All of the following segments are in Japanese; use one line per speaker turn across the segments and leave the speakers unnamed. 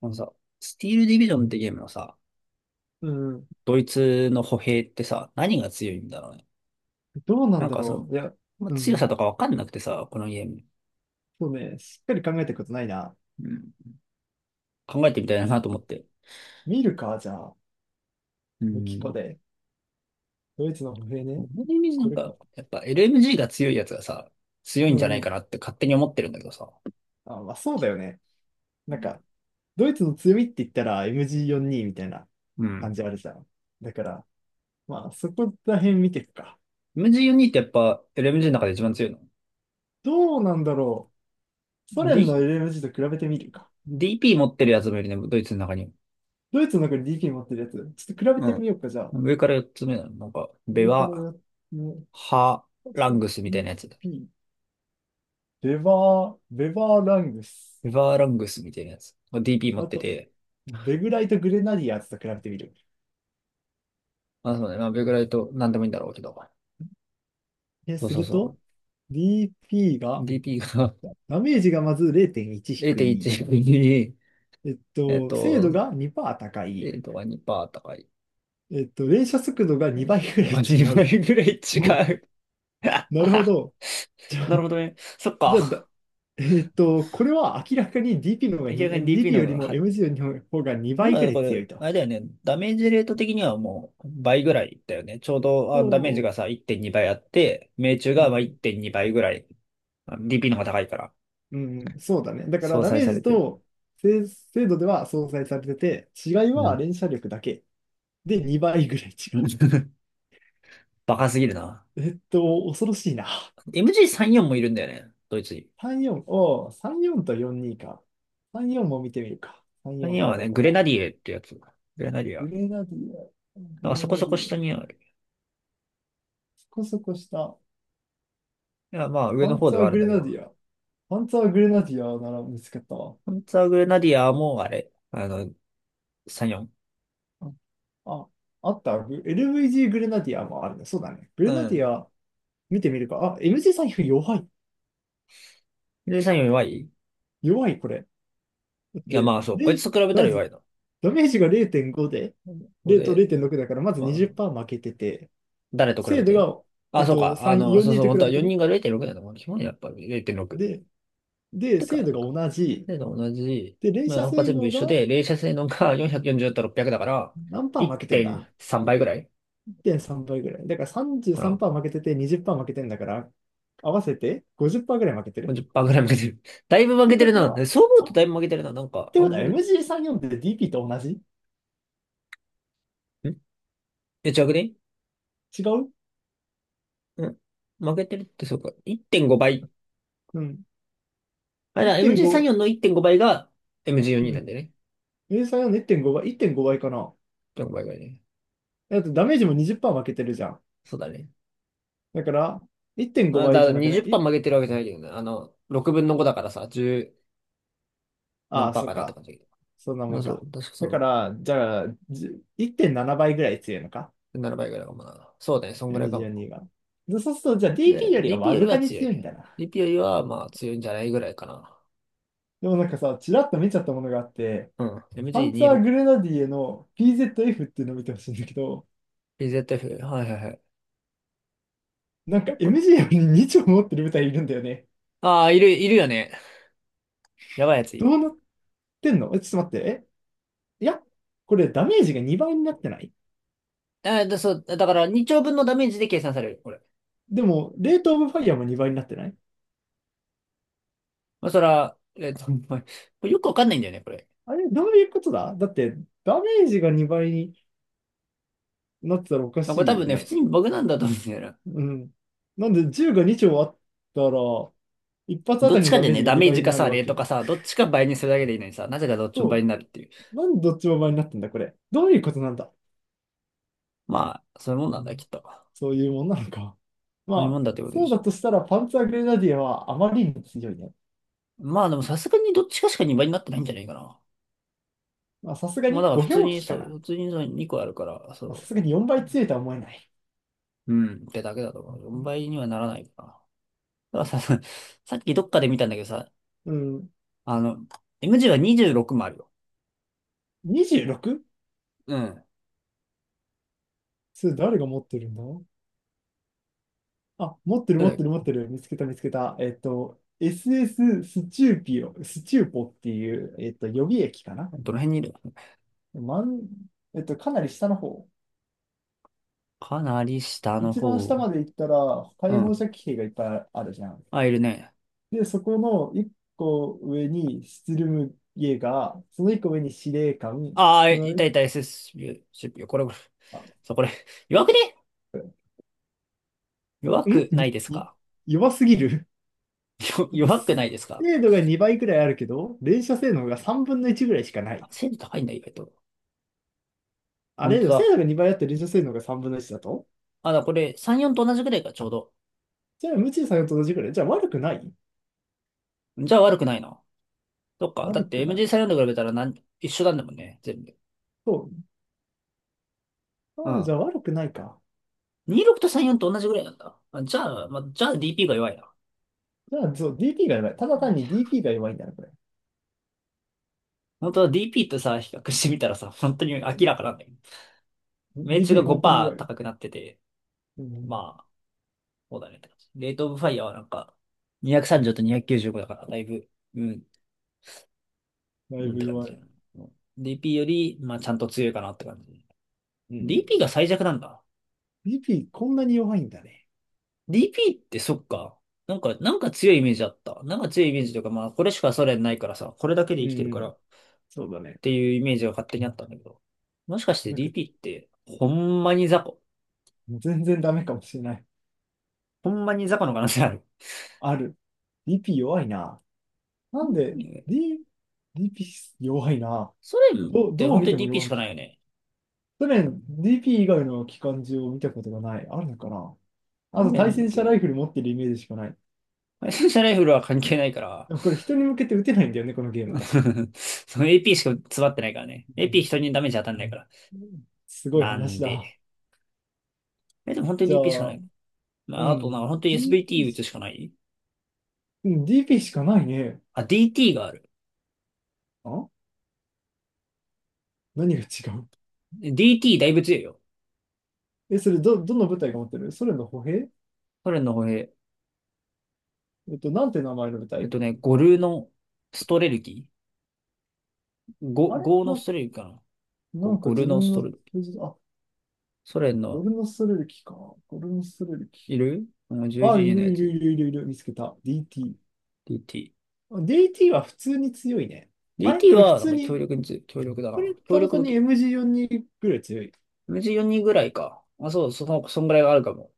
あのさ、スティールディビジョンってゲームのさ、
うん。
ドイツの歩兵ってさ、何が強いんだろうね。
どうな
な
ん
ん
だ
かその、
ろう。いや、
まあ
う
強さ
ん。
とかわかんなくてさ、このゲーム。
そうね、しっかり考えたことないな。
うん。考えてみたいなと思って。
見るか、じゃあ、
う
ミキコ
ん。
で。ドイツの歩兵ね。
俺のイメージな
こ
ん
れ
か、
か。
やっぱ LMG が強いやつがさ、強い
う
んじゃない
んう
か
ん。
なって勝手に思ってるんだけどさ。
あ、まあそうだよね。なんか、ドイツの強みって言ったら MG42 みたいな
う
感
ん。
じあるじゃん。だから、まあそこら辺見ていくか。
MG42 ってやっぱ LMG の中で一番強いの？
どうなんだろう。ソ連
D、
の LMG と比べてみるか。
DP 持ってるやつもいるね、ドイツの中にも。
ドイツの中に DK 持ってるやつ、ちょっと比べてみようか、じゃあ。
うん。上から4つ目なの。なんか、ベ
上から
ワ、
やっ、ね、
ハ、ラングスみ
e
たいなやつ。
p ベバー、ベバーラングス。
エバーラングスみたいなやつ。DP 持っ
あ
て
と、
て、
ベグライト・グレナディアーズと比べてみる。
まあそうね、まあベグライトなんでもいいんだろうけど。
え、
そう
す
そう
る
そ
と、DP
う。
が、
DP が
ダメージがまず0.1 低い。
0.1に、えっ
精度
と、
が2%高
0
い。
とか2%高い。
連射速度が2倍
速
ぐら
度
い
が
違
2
う。
倍ぐらい
お、
違う。
なるほど。じゃ あ、
なるほどね。そっ
じゃあだ、
か。
えっと、これは明らかに DP の方が
明
に
らか
え
に DP
DP
の
よ
方
り
が、
も
はい。
MG の方が2
要
倍ぐ
は
らい
こ
強
れ、
い
あ
と。
れだよね。ダメージレート的にはもう倍ぐらいだよね。ちょうど
そ
ダメージがさ、1.2倍あって、命中
う。う
がまあ
ん
1.2倍ぐらい。DP の方が高いから、
うん、そうだね。だから
相
ダ
殺
メー
され
ジ
てる。
と精度では相殺されてて、違い
う
は
ん。
連射力だけで2倍ぐらい違
バカすぎるな。
う。恐ろしいな。
MG34 もいるんだよね。ドイツに。
34、よんおう、34と42か。34も見てみるか。34
34
は
は
ど
ね、
こ
グレナデ
だ。
ィエってやつ。グレナディア。
グ
だ
レナディア、
か
グ
ら
レ
そこ
ナ
そ
デ
こ
ィア、
下にある。
そこそこした。
いや、まあ上
パ
の
ン
方
ツ
で
ァ
は
ー
ある
グ
んだ
レ
け
ナ
ど。
ディア。パンツァーグレナディアなら見つけたわ。
本当はグレナディアもあれ。あの、34。
あ、あった。LVG グレナディアもあるね。そうだね。グレ
う
ナディ
ん。
ア見てみるか。あ、MG 財布弱い。
で、34弱い。
弱い、これ。だっ
いや、
て、
まあそう。こい
で、
つと比べた
ま
ら弱
ず、
いな。
ダメージが0.5で、
こ
0と
で、
0.6だから、まず
まあ、
20%負けてて、
誰と比
精
べ
度
て。
が、え
あ、
っ
そう
と、
か。あ
3、
の、
4
そう
に
そう。
と比
本当は
べてね。
4人が0.6なんだもん。基本やっぱ0.6。
で、
っ
で、
て
精
か、
度が同じ。
で、同じ、
で、連
まあ、
射
他
性
全部
能
一
が
緒で、冷車性能が 440と600だから、
何パー負けてん
1.3
だ？
倍ぐらい
1.3 倍ぐらい。だから
かな。ま
33%負けてて20%負けてんだから、合わせて50%ぐらい負けて
あ
る。
1ぐらい負けてる。だいぶ
っ
負け
て
て
こ
る
と
な。
は、
そう思う
あ、
と
っ
だいぶ負けてるな。なんか、
て
あ
こ
ん
とは
まり。
MG34 って DP と同じ。
ん違くね。
違う。
ん負けてるって、そうか。1.5倍。
うん。
あれだ、
1.5、
MG34 の1.5倍が
う
MG42
ん。
なんでよね。
MG34 の1.5倍、1.5倍かな。
1.5倍ぐらいね。
だってダメージも20%負けてるじゃん。
そうだね。
だから、1.5
だ
倍
か
じ
ら
ゃなくないい
20%負けてるわけじゃないけどね。あの、6分の5だからさ、10
あ
何
あ、
パー
そっ
かなって
か。
感じだけど。
そんなも
まあ
ん
そ
か。
う、確か
だか
そ
ら、じゃあ、じゅ1.7倍ぐらい強いのか、
う。7倍ぐらいかもな。そうだね、そんぐら
m
いか
g 4
も。
にが。でそうすると、じゃあ DP
で、
よりは
DP
わ
より
ずか
は
に
強い。
強いんだな。
DP よりは、まあ、強いんじゃないぐらいかな。
でもなんかさ、ちらっと見ちゃったものがあって、
うん。
パンツァーグ
MG26。
レナディエの PZF っていうのを見てほしいんだけど、
PZF。はいはいはい。
なんか
よく。
MG より2丁持ってる部隊いるんだよね。
ああ、いる、いるよね。やばいやつい
どう
る。
なってんの？ちょっと待って。えいや、これダメージが2倍になってない？
そう、だから2丁分のダメージで計算される、これ。
でも、レートオブファイヤーも2倍になってない？
まあ、そら、まあこれよくわかんないんだよね、これ。
あれ、どういうことだ？だって、ダメージが2倍になってたらおか
まあ、これ多
しい
分
よ
ね、普通
ね。
に僕なんだと思うんだよな。
うん。なんで、銃が2丁あったら、一発あ
どっ
たり
ち
の
か
ダ
で
メー
ね、
ジが
ダメー
2
ジ
倍に
か
な
さ、
るわ
レート
け。
かさ、どっちか倍にするだけでいいのにさ、なぜかどっちも倍
そ
になるっていう。
う。なんでどっちも倍になってんだ、これ。どういうことなんだ。
まあ、そういうもんな
う
んだ、き
ん、
っと。
そういうもんなのか。
そういうも
まあ、
んだってことで
そう
し
だ
ょ
としたら、パンツァーグレナディアはあまりに強いね。
う。まあでもさすがにどっちかしか2倍になってないんじゃないかな。
まあ、さすが
まあだ
に
から
5
普通
表
に、
記
そ
か
う、
な。
普通にその2個あるから、
まあ、さす
そ
がに4
う。
倍強いとは思えない。
うん、ってだけだと思う。4倍にはならないかな。だからさ、さっきどっかで見たんだけどさ、
うん。
あの、M 字は26もあるよ。
26？
うん。
それ誰が持ってるんだ。あ、持ってる
ど
持
れだ
っ
っ
てる
け。
持ってる。見つけた。SS スエススチューピオ、スチューポっていう、予備駅かな。
どの辺にいる。
まん、かなり下の方。
かなり下の
一番
方。
下まで行ったら、
う
解放
ん。
射器兵がいっぱいあるじゃん。
あ、いるね。
で、そこの一個上にスツルムゲーガー、その一個上に司令官、
ああ、
そ
い
の
た
一
い
個、
た SSP、CPU。これ、これ。
あ、
そう、これ。弱くね。弱
ん
くな
い
いです
い
か。
弱すぎる。
よ
だって、
弱くないですか。
精度が2倍くらいあるけど、連射性能が3分の1ぐらいしかない。
精度高いんだ、意外と。
あ
本
れ
当
でも、精度が
だ。
2倍あって臨床性能が3分の1だと、
これ、34と同じくらいか、ちょうど。
じゃあ、無知作んと同じくらい。じゃあ、悪くない。
じゃあ悪くないな。そっか。だ
悪
って
くない。
MG34 と比べたら一緒なんだもんね、全部。
そ
う
う。ああ、じゃ
ん。
あ悪くないか。
26と34と同じぐらいなんだ。あ、じゃあ、まあ、じゃあ DP が弱いな。
じゃあ、そう、DP が弱い。ただ単に DP が弱いんだな、これ。
本当は DP とさ、比較してみたらさ、本当に明らかなんだけど。命中が
DP 本当に
5%
弱い。
高くなってて、
うん、
まあ、そうだねって感じ。レートオブファイヤーはなんか、230と295だから、だいぶ、うん、
だい
うんっ
ぶ
て感
弱
じ
い。
だ
う
な。うん、 DP より、まあ、ちゃんと強いかなって感じ。
んうん。
DP が最弱なんだ。
DP こんなに弱いんだね。
DP ってそっか。なんか、強いイメージあった。なんか強いイメージというか、まあ、これしかソ連ないからさ、これだけで
うん
生きてる
う
から
ん。
っ
そうだね。
ていうイメージが勝手にあったんだけど。もしかして
なんか、
DP って、ほんまに雑魚。
全然ダメかもしれない。
ほんまに雑魚の可能性ある。
ある。DP 弱いな。なんで、
うん。
D、DP 弱いな。
ソ連っ
どう、
て
どう
本
見
当
て
に
も
DP
弱
し
い。
かないよね。
去年 DP 以外の機関銃を見たことがない。あるのかな。あ
ソ
と対
連っ
戦車ラ
て、
イフル持ってるイメージしかない。
ライセンシャライフルは関係ないから、
でもこれ人に向けて撃てないんだよね、このゲーム確か。
その AP しか詰まってないからね。
うん、
AP 人にダメージ当たんないから。
すごい
なん
話だ。
で。でも本当に
じゃ
DP しかな
あ、
い。まあ、あとなんか
う
本当に
ん、DP
SVT 打つ
し、
しかない。
うん、DP しかないね。
あ、DT がある。
あ、何が違う？
DT だいぶ強いよ。
え、それど、どの部隊が持ってるソ連の歩兵。
ソ連の歩兵。
なんて名前の部隊。
ゴルのストレルキーゴ、
あれ
ゴーの
な、
ストレルキーかな。
なんか
ゴ
自
ルの
分
スト
の、
レルキー。
あ、
ソ連
ゴ
の
ルノストレルキか。ゴルノストレルキ。
いる、あの、じゅうん、
あ、
11
い
人の
る
や
いる
つ。
いるいるいる、見つけた。
DT。
DT。DT は普通に強いね。あれ
DT
これ普
は、なん
通
か強
に、
力に強い。強力だ
これ
な。強
ただ
力
単
武
に
器。
MG42 ぐらい強い。
水4人ぐらいか。あ、そう、その、そんぐらいはあるかも。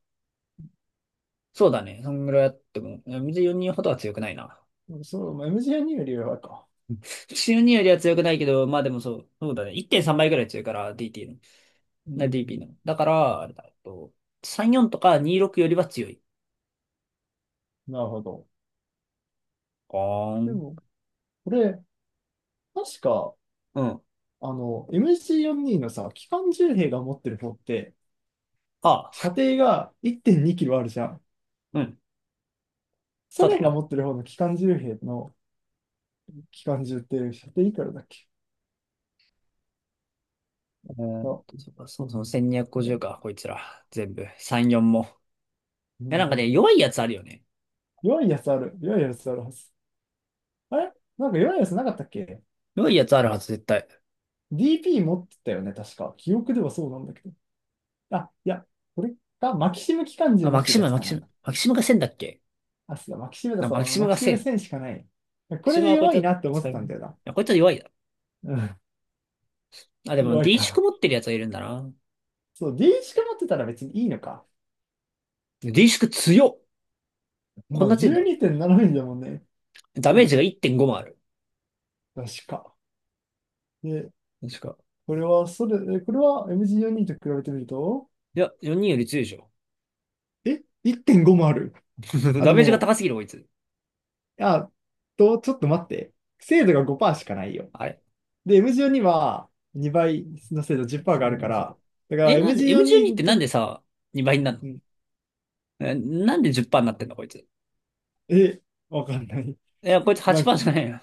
そうだね。そんぐらいあっても。いや水4人ほどは強くないな。
そう、MG42 よんじゅうにより弱いか。
水4人よりは強くないけど、まあでもそう、そうだね。1.3倍ぐらい強いから、DT の。
う
な、DP
ん、
の。だから、あれだ、34とか26よりは強い。
なるほど。
あー
で
ん。
も、これ、確か、
うん。
あの、MG42 のさ、機関銃兵が持ってる方って、
あ、
射程が1.2キロあるじゃん。
うん。そ
ソ
うだ
連が
よ。
持ってる方の機関銃兵の機関銃って射程いくらだっけ。あ、
そうかそうそう、
あ
1250
れ
か、こいつら。全部。3、4も。
う
いや、なんか
ん、
ね、弱いやつあるよね。
弱いやつある。弱いやつあるはず。あれなんか弱いやつなかったっけ。
弱いやつあるはず、絶対。
DP 持ってたよね、確か。記憶ではそうなんだけど。あ、いや、これか、マキシム機関銃
あ、
持
マ
っ
キ
て
シ
るや
ム、
つ
マ
か
キシ
な。
ム。マキシムが1000だっけ
あ、そうだ、マキシムだ、
な、
そ
マキ
う、
シム
マ
が
キシムが
1000。マ
1000しかない。こ
キシ
れ
ム
で
はこいつ
弱い
は、
なって思っ
そ
て
うい
たんだよな。
や、こいつは弱いだ。
うん、
あ、でも、
弱い
D 縮
か。
持ってるやつはいるんだな。
そう、D しか持ってたら別にいいのか。
D 縮強っ。こん
まあ、
な強いんだ。
12.7ミリだもんね。
ダ
う
メー
ん、
ジが1.5もある。
確か。で、
確か。
これは、それ、これは MG42 と比べてみると、
いや、4人より強いでしょ。
え、1.5もある。あ、
ダ
で
メージが
も、
高すぎる、こいつ。
あ、と、ちょっと待って。精度が5%しかないよ。
あれ
で、MG42 は2倍の精度10%
す
があ
ご
る
い
か
んですよ。
ら、だから
え、なんで、M12
MG42
っ
に
て
と
なん
って、
でさ、2倍になる
う
の。
ん。
え、なんで10%になってんだ、こいつ。い
え、わかんない。
や、こいつ
なんか
8%じゃないよ。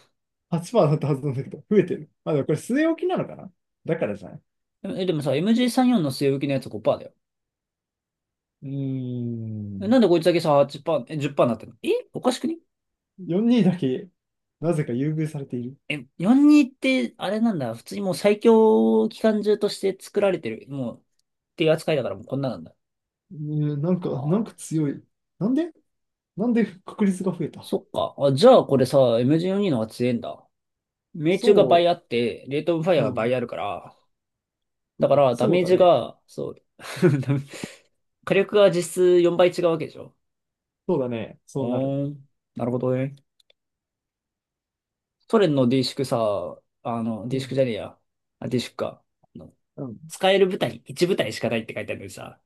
8%だったはずなんだけど、増えてる。まあでもこれ据え置きなのかな。だからじゃない。
え、でもさ、MG34 の据え置きのやつ5%だよ。
うー
え、な
ん。
んでこいつだけさ、8%、え、10%になってんの。え、おかしくね。
42だけ、なぜか優遇されている。
え、42って、あれなんだ、普通にもう最強機関銃として作られてる、もう、っていう扱いだからもうこんななんだ。
うーん、なんか、なん
ああ、
か強い。なんで？なんで確率が増えた？
そっか。あ、じゃあこれさ、MG42 の方が強いんだ。命中が倍
そ
あって、レートオブファイ
う、
ア
う
が倍
ん。
あるから、だから、ダ
そう
メー
だ
ジ
ね。
が、そう、ダメ火力が実質4倍違うわけでしょ。
そうだね。そうなる。
おーん、なるほどね。ソ連の D 宿さ、あの、
う
D 宿
ん。
じゃねえや。あ、D 宿か。あの
うん。
使える部隊、1部隊しかないって書いてあるのにさ、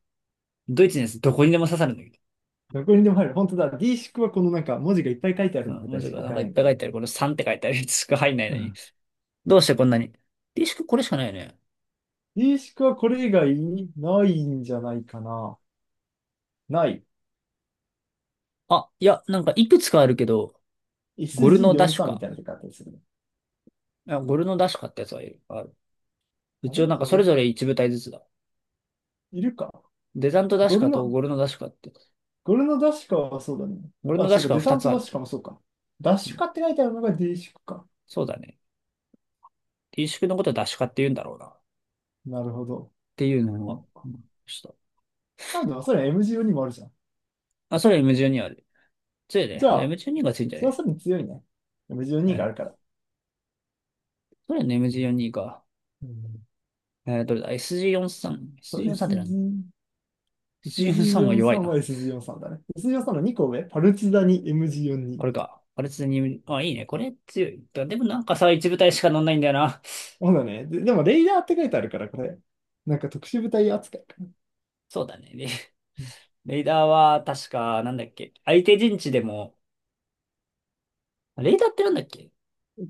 ドイツのやつどこにでも刺さるんだけど。
どこにでも入る。本当だ。D 式はこのなんか文字がいっぱい書いてある
まあ、
みた
も
い
し
し
く
か
はなん
使え
かい
な
っ
いん
ぱ
だ
い書
ね。
いてある。この3って書いてあるやつしか入んない
う
のに。
ん、
どうしてこんなに。D 宿これしかないよね。
D 式はこれ以外ないんじゃないかな。ない。
あ、いや、なんかいくつかあるけど、ゴルノダシュ
SG43 み
か。
たいな出方でするね。
あ、ゴルノダシュかってやつはいる。ある。
あ
一
れ
応なんか
ゴ
それぞ
ル、
れ1部隊ずつだ。
いるか。
デザントダシ
ゴル
カと
の、
ゴルノダシカって、
ゴルのダッシュカはそうだね。
ゴルノ
あ、
ダ
そう
シ
か、
カは
デサ
2
ン
つ
ト
あ
ダッ
る。
シュカもそうか。ダッシュカって書いてあるのが D 式か。
そうだね。T 宿のことはダシカって言うんだろうな。っ
なるほど。
ていうのを、
あ、
ちょっと。
なんだ、それ M12 もあるじゃん。
あ、それ M12 ある。強い
じ
ね。
ゃ
じゃあ
あ、
M12 が強いんじゃ
それは
ね
さらに強いね。
え。
M12
は
がある
い、
から。
それはね M12 か。
うん、
どれだ？ SG43。
そう
SG43 って何？
SG、
SG43 は弱い
SG43 は
な。
SG43 だね。SG43 の2個上、パルチザに
こ
MG42。
れか。パルツに、あ、いいね。これ強い。でもなんかさ、一部隊しか乗んないんだよな。
そうだね。で、でも、レイダーって書いてあるから、これ。なんか特殊部隊扱いかな。
そうだね。レイダーは確か、なんだっけ。相手陣地でも、レイダーってなんだっけ。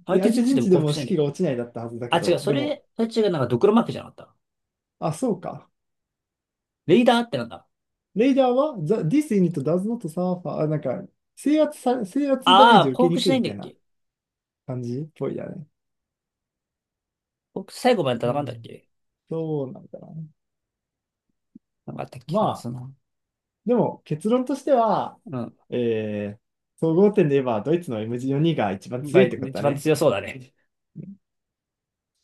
相手
相
陣
手
地
陣
でも
地で
降伏
も
しない
士
んだっ
気が
け。
落ちないだったはずだけ
あ、違う、
ど、
そ
でも、
れ、それ違う、なんかドクロマークじゃなかった。
あ、そうか。
レイダーってなんだ。
レイダーは、the, this unit does not suffer, なんか、制圧ダメー
あ
ジ
あ、
を
降
受け
伏
に
し
く
な
い
い
み
んだ
た
っ
いな
け。
感じっぽいだね。
降伏最後まで
う
戦うんだっ
ん。
け。
そうなんだな。
なんかあったっけ。
ま
なんかそ
あ、
の、
でも結論としては、
うん。
総合点で言えば、ドイツの M4 が一番
が
強いってこと
一
だ
番
ね。
強そうだね。